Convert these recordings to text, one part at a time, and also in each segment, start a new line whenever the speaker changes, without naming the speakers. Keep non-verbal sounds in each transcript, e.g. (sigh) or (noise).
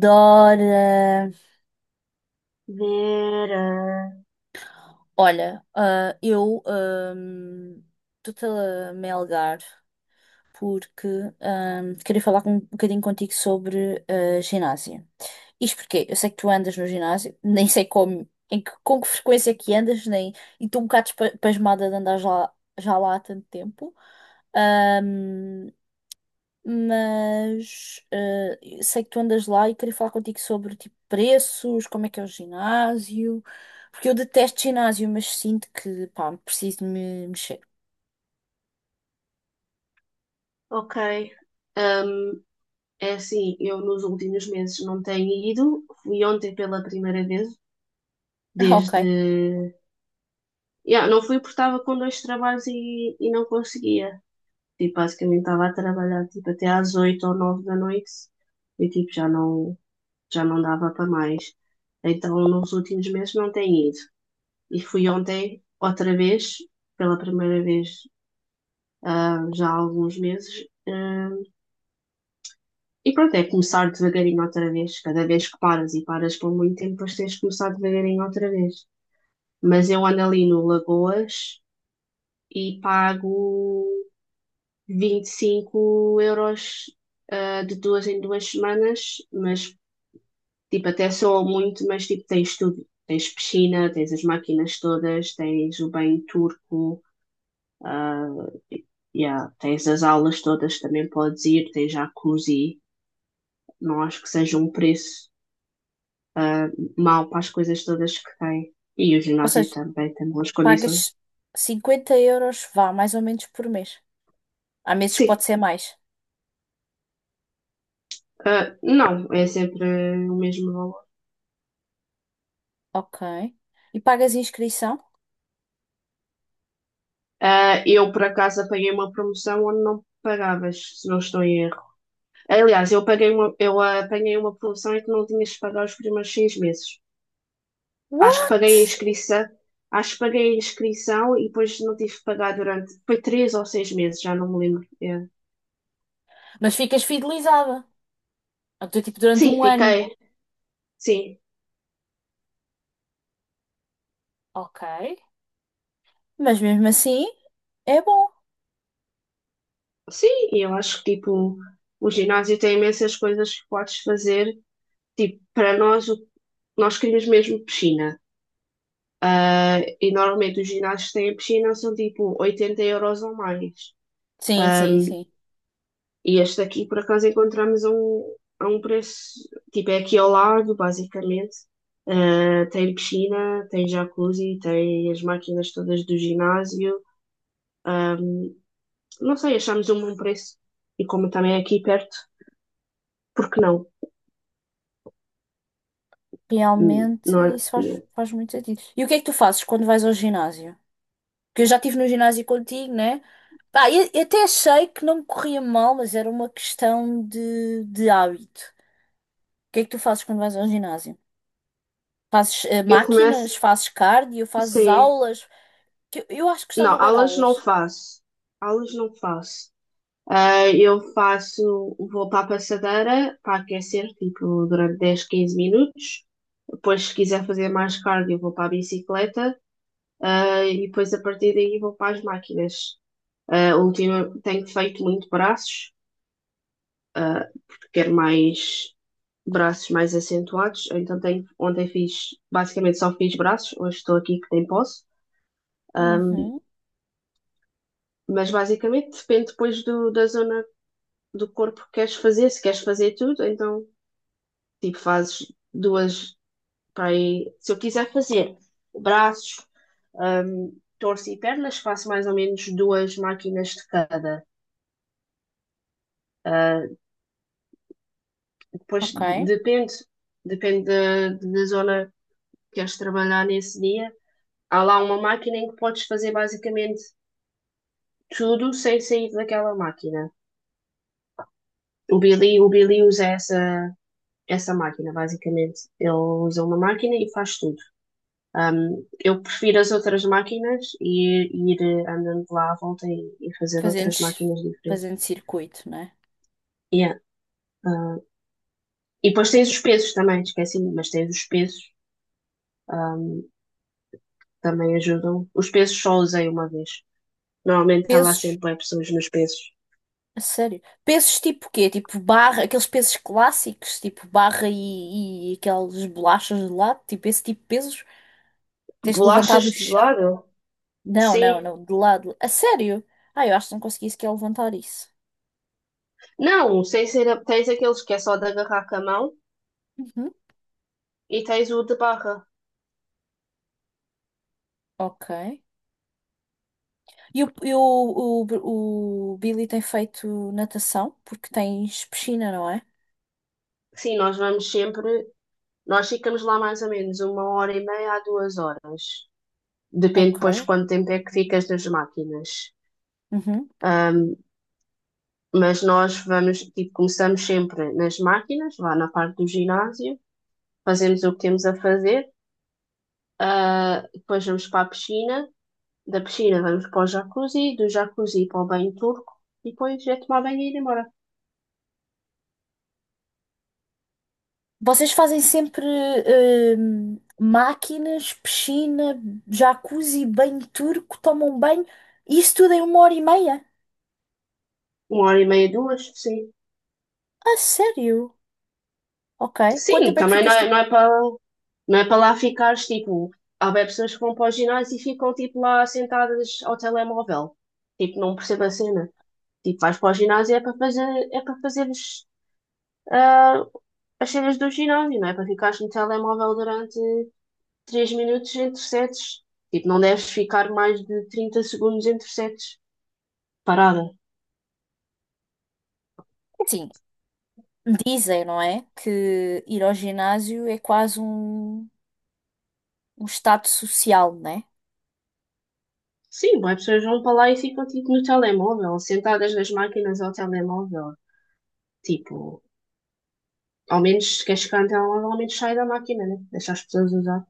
Dora.
Vera.
Olha, eu estou-te a melgar porque queria um bocadinho contigo sobre ginásio. Isto porque eu sei que tu andas no ginásio, (laughs) nem sei como, em que, com que frequência é que andas, nem, e estou um bocado pasmada de andar já lá há tanto tempo. Ah, mas sei que tu andas lá e queria falar contigo sobre tipo preços, como é que é o ginásio, porque eu detesto ginásio, mas sinto que pá, preciso de me mexer. (laughs)
Ok. Ah, É assim, eu nos últimos meses não tenho ido. Fui ontem pela primeira vez,
Ah, ok.
desde. Yeah, não fui porque estava com dois trabalhos e não conseguia. Tipo, basicamente estava a trabalhar tipo, até às oito ou nove da noite e tipo, já não dava para mais. Então, nos últimos meses não tenho ido. E fui ontem, outra vez, pela primeira vez já há alguns meses. E pronto, é começar devagarinho outra vez. Cada vez que paras e paras por muito tempo, depois tens de começar devagarinho outra vez. Mas eu ando ali no Lagoas e pago 25 euros de duas em duas semanas, mas tipo, até soa muito, mas tipo, tens tudo. Tens piscina, tens as máquinas todas, tens o banho turco, e- yeah, tens as aulas todas, também podes ir, tens jacuzzi. Não acho que seja um preço mal para as coisas todas que tem. E o
Ou
ginásio
seja,
também tem boas
pagas
condições.
50 euros, vá, mais ou menos por mês. Há meses que
Sim,
pode ser mais.
não, é sempre o mesmo valor.
Ok. E pagas inscrição?
Eu, por acaso, apanhei uma promoção onde não pagavas, se não estou em erro. Aliás, eu apanhei uma promoção em que não tinhas de pagar os primeiros seis meses. Acho que paguei a
What?
inscrição, Acho que paguei a inscrição e depois não tive que pagar durante, foi três ou seis meses, já não me lembro. É.
Mas ficas fidelizada. Então, tipo, durante
Sim,
um ano.
fiquei, sim,
Ok. Mas mesmo assim, é bom.
Sim, e eu acho que tipo, o ginásio tem imensas coisas que podes fazer. Tipo, para nós, nós queríamos mesmo piscina. E normalmente os ginásios que têm a piscina são tipo 80 euros ou mais.
Sim, sim, sim.
E este aqui, por acaso, encontramos a um preço. Tipo, é aqui ao lado, basicamente. Tem piscina, tem jacuzzi, tem as máquinas todas do ginásio. Não sei, achamos um bom preço. E como também é aqui perto, por que não?
Realmente,
Não é?
faz muito sentido. E o que é que tu fazes quando vais ao ginásio? Porque eu já estive no ginásio contigo, né? Pá, eu até achei que não me corria mal, mas era uma questão de hábito. O que é que tu fazes quando vais ao ginásio? Fazes
Eu
máquinas?
começo,
Fazes cardio? Fazes
sim.
aulas? Que eu acho que gostava
Não,
bem de
aulas não
aulas.
faço. Aulas não faço. Eu faço, vou para a passadeira para aquecer, tipo, durante 10 15 minutos. Depois, se quiser fazer mais cardio, vou para a bicicleta. E depois, a partir daí, vou para as máquinas. Ultima, tenho feito muito braços, quero mais braços mais acentuados. Então, tenho, ontem fiz, basicamente só fiz braços. Hoje estou aqui que nem posso.
Uhum,
Mas, basicamente, depende depois da zona do corpo que queres fazer, se queres fazer tudo, então tipo fazes duas para aí. Se eu quiser fazer braços, torso e pernas, faço mais ou menos duas máquinas de cada. Ah, Depois
ok.
depende, depende da zona que queres trabalhar nesse dia. Há lá uma máquina em que podes fazer basicamente tudo sem sair daquela máquina. O Billy usa essa máquina, basicamente. Ele usa uma máquina e faz tudo. Um, eu prefiro as outras máquinas e ir andando de lá à volta e fazer
Fazendo,
outras
ci-
máquinas diferentes.
fazendo circuito, né?
Yeah. Uh, e depois tens os pesos também, esqueci, mas tens os pesos, também ajudam. Os pesos só usei uma vez. Normalmente está lá
Pesos.
sempre é pessoas nos pesos.
A sério? Pesos tipo quê? Tipo barra, aqueles pesos clássicos, tipo barra e aqueles bolachas de lado, tipo esse tipo de pesos? Tens que levantar do
Bolachas de
chão?
gelado?
Não, não,
Sim.
não, de lado. A sério? Ah, eu acho que não consegui sequer levantar isso.
Não, sem ser. Tens aqueles que é só de agarrar com a mão
Uhum.
e tens o de barra.
Ok. E o Billy tem feito natação, porque tens piscina, não é?
Sim, nós vamos sempre. Nós ficamos lá mais ou menos uma hora e meia a duas horas. Depende
Ok.
depois de quanto tempo é que ficas nas máquinas.
Uhum.
Um, mas nós vamos, tipo, começamos sempre nas máquinas, lá na parte do ginásio, fazemos o que temos a fazer, depois vamos para a piscina, da piscina vamos para o jacuzzi, do jacuzzi para o banho turco, e depois é tomar banho e ir embora.
Vocês fazem sempre máquinas, piscina, jacuzzi, banho turco, tomam banho, isso tudo em uma hora e meia?
Uma hora e meia, duas, sim.
A sério? Ok. Quanto
Sim,
tempo é que
também
ficas tipo.
não é para, não é para lá ficares, tipo, há bem pessoas que vão para o ginásio e ficam, tipo, lá sentadas ao telemóvel. Tipo, não percebo a cena. Tipo, vais para o ginásio é para fazer, é para fazeres ah, as cenas do ginásio, não é para ficares no telemóvel durante 3 minutos entre sets. Tipo, não deves ficar mais de 30 segundos entre sets parada.
Assim, dizem, não é? Que ir ao ginásio é quase um estado social, né?
Sim, as pessoas vão para lá e ficam tipo no telemóvel, sentadas nas máquinas ao telemóvel. Tipo, ao menos se queres ficar no telemóvel, ao menos sai da máquina, né? Deixa as pessoas usar.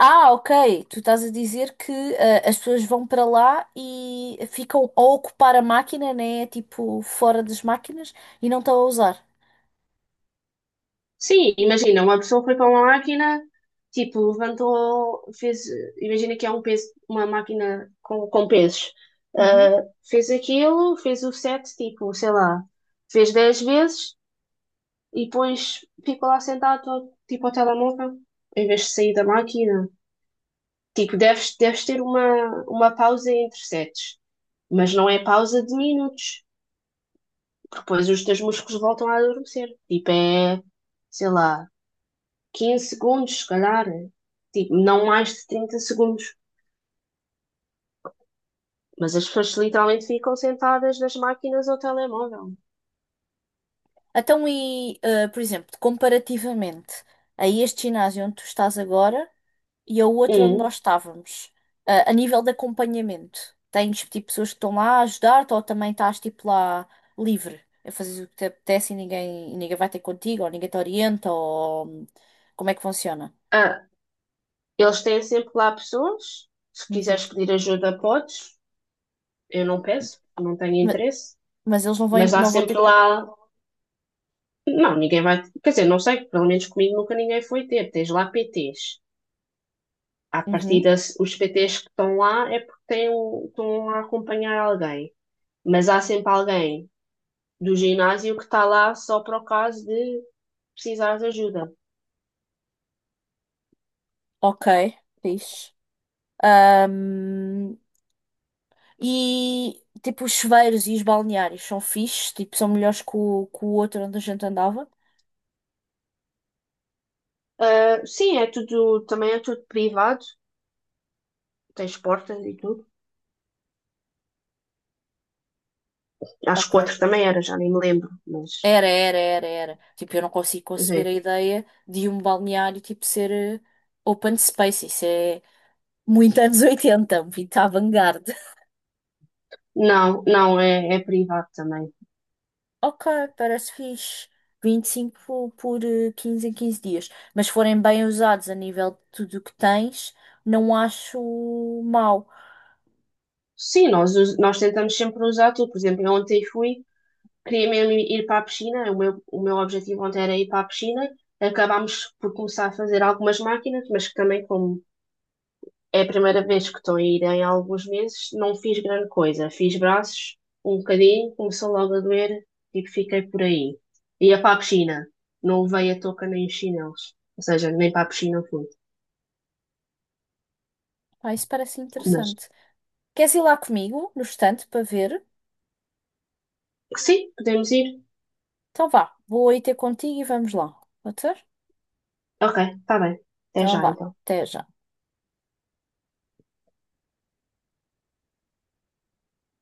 Ah, ok. Tu estás a dizer que as pessoas vão para lá e ficam a ocupar a máquina, né? Tipo, fora das máquinas e não estão a usar.
Sim, imagina, uma pessoa foi para uma máquina, tipo, levantou, fez, imagina que é um peso, uma máquina com pesos.
Uhum.
Fez aquilo, fez o set, tipo, sei lá, fez 10 vezes e depois ficou lá sentado, tipo, ao telemóvel, em vez de sair da máquina. Tipo, deves ter uma pausa entre sets, mas não é pausa de minutos, porque depois os teus músculos voltam a adormecer. Tipo, é, sei lá. Quinze segundos, se calhar, tipo, não mais de 30 segundos. Mas as pessoas literalmente ficam sentadas nas máquinas ou telemóvel.
Então, por exemplo, comparativamente a este ginásio onde tu estás agora e ao outro onde
Um,
nós estávamos, a nível de acompanhamento, tens tipo pessoas que estão lá a ajudar-te ou também estás tipo lá livre a fazer o que te apetece e ninguém vai ter contigo ou ninguém te orienta ou como é que funciona?
ah, eles têm sempre lá pessoas, se
Uhum.
quiseres pedir ajuda, podes. Eu não peço, não tenho
Ma-
interesse.
Mas, eles não vão,
Mas há
não vão ter.
sempre
co-
lá. Não, ninguém vai. Quer dizer, não sei, pelo menos comigo nunca ninguém foi ter. Tens lá PTs. À
Uhum.
partida, os PTs que estão lá é porque têm, estão a acompanhar alguém. Mas há sempre alguém do ginásio que está lá só para o caso de precisar de ajuda.
Ok, fixe. E tipo, os chuveiros e os balneários são fixes, tipo, são melhores que que o outro onde a gente andava.
Sim, é tudo, também é tudo privado, tens portas e tudo. Acho que
Ok.
o outro também era, já nem me lembro, mas
Era, era, era, era. Tipo, eu não consigo
quer
conceber a
dizer,
ideia de um balneário tipo ser open space. Isso é muito (laughs) anos 80, muito avant-garde.
não, não, é, é privado também.
Ok, parece fixe. 25 por 15 em 15 dias. Mas se forem bem usados a nível de tudo o que tens, não acho mau.
Sim, nós tentamos sempre usar tudo. Por exemplo, eu ontem fui, queria mesmo ir para a piscina, o meu objetivo ontem era ir para a piscina. Acabámos por começar a fazer algumas máquinas, mas que também, como é a primeira vez que estou a ir em alguns meses, não fiz grande coisa. Fiz braços um bocadinho, começou logo a doer, e fiquei por aí. Ia para a piscina, não levei a touca nem os chinelos, ou seja, nem para a piscina fui.
Ah, isso parece
Mas
interessante. Queres ir lá comigo, no estante, para ver?
sim, podemos ir.
Então vá, vou aí ter contigo e vamos lá. Pode ser?
Ok, está bem. Até
Então
já
vá,
então.
até já.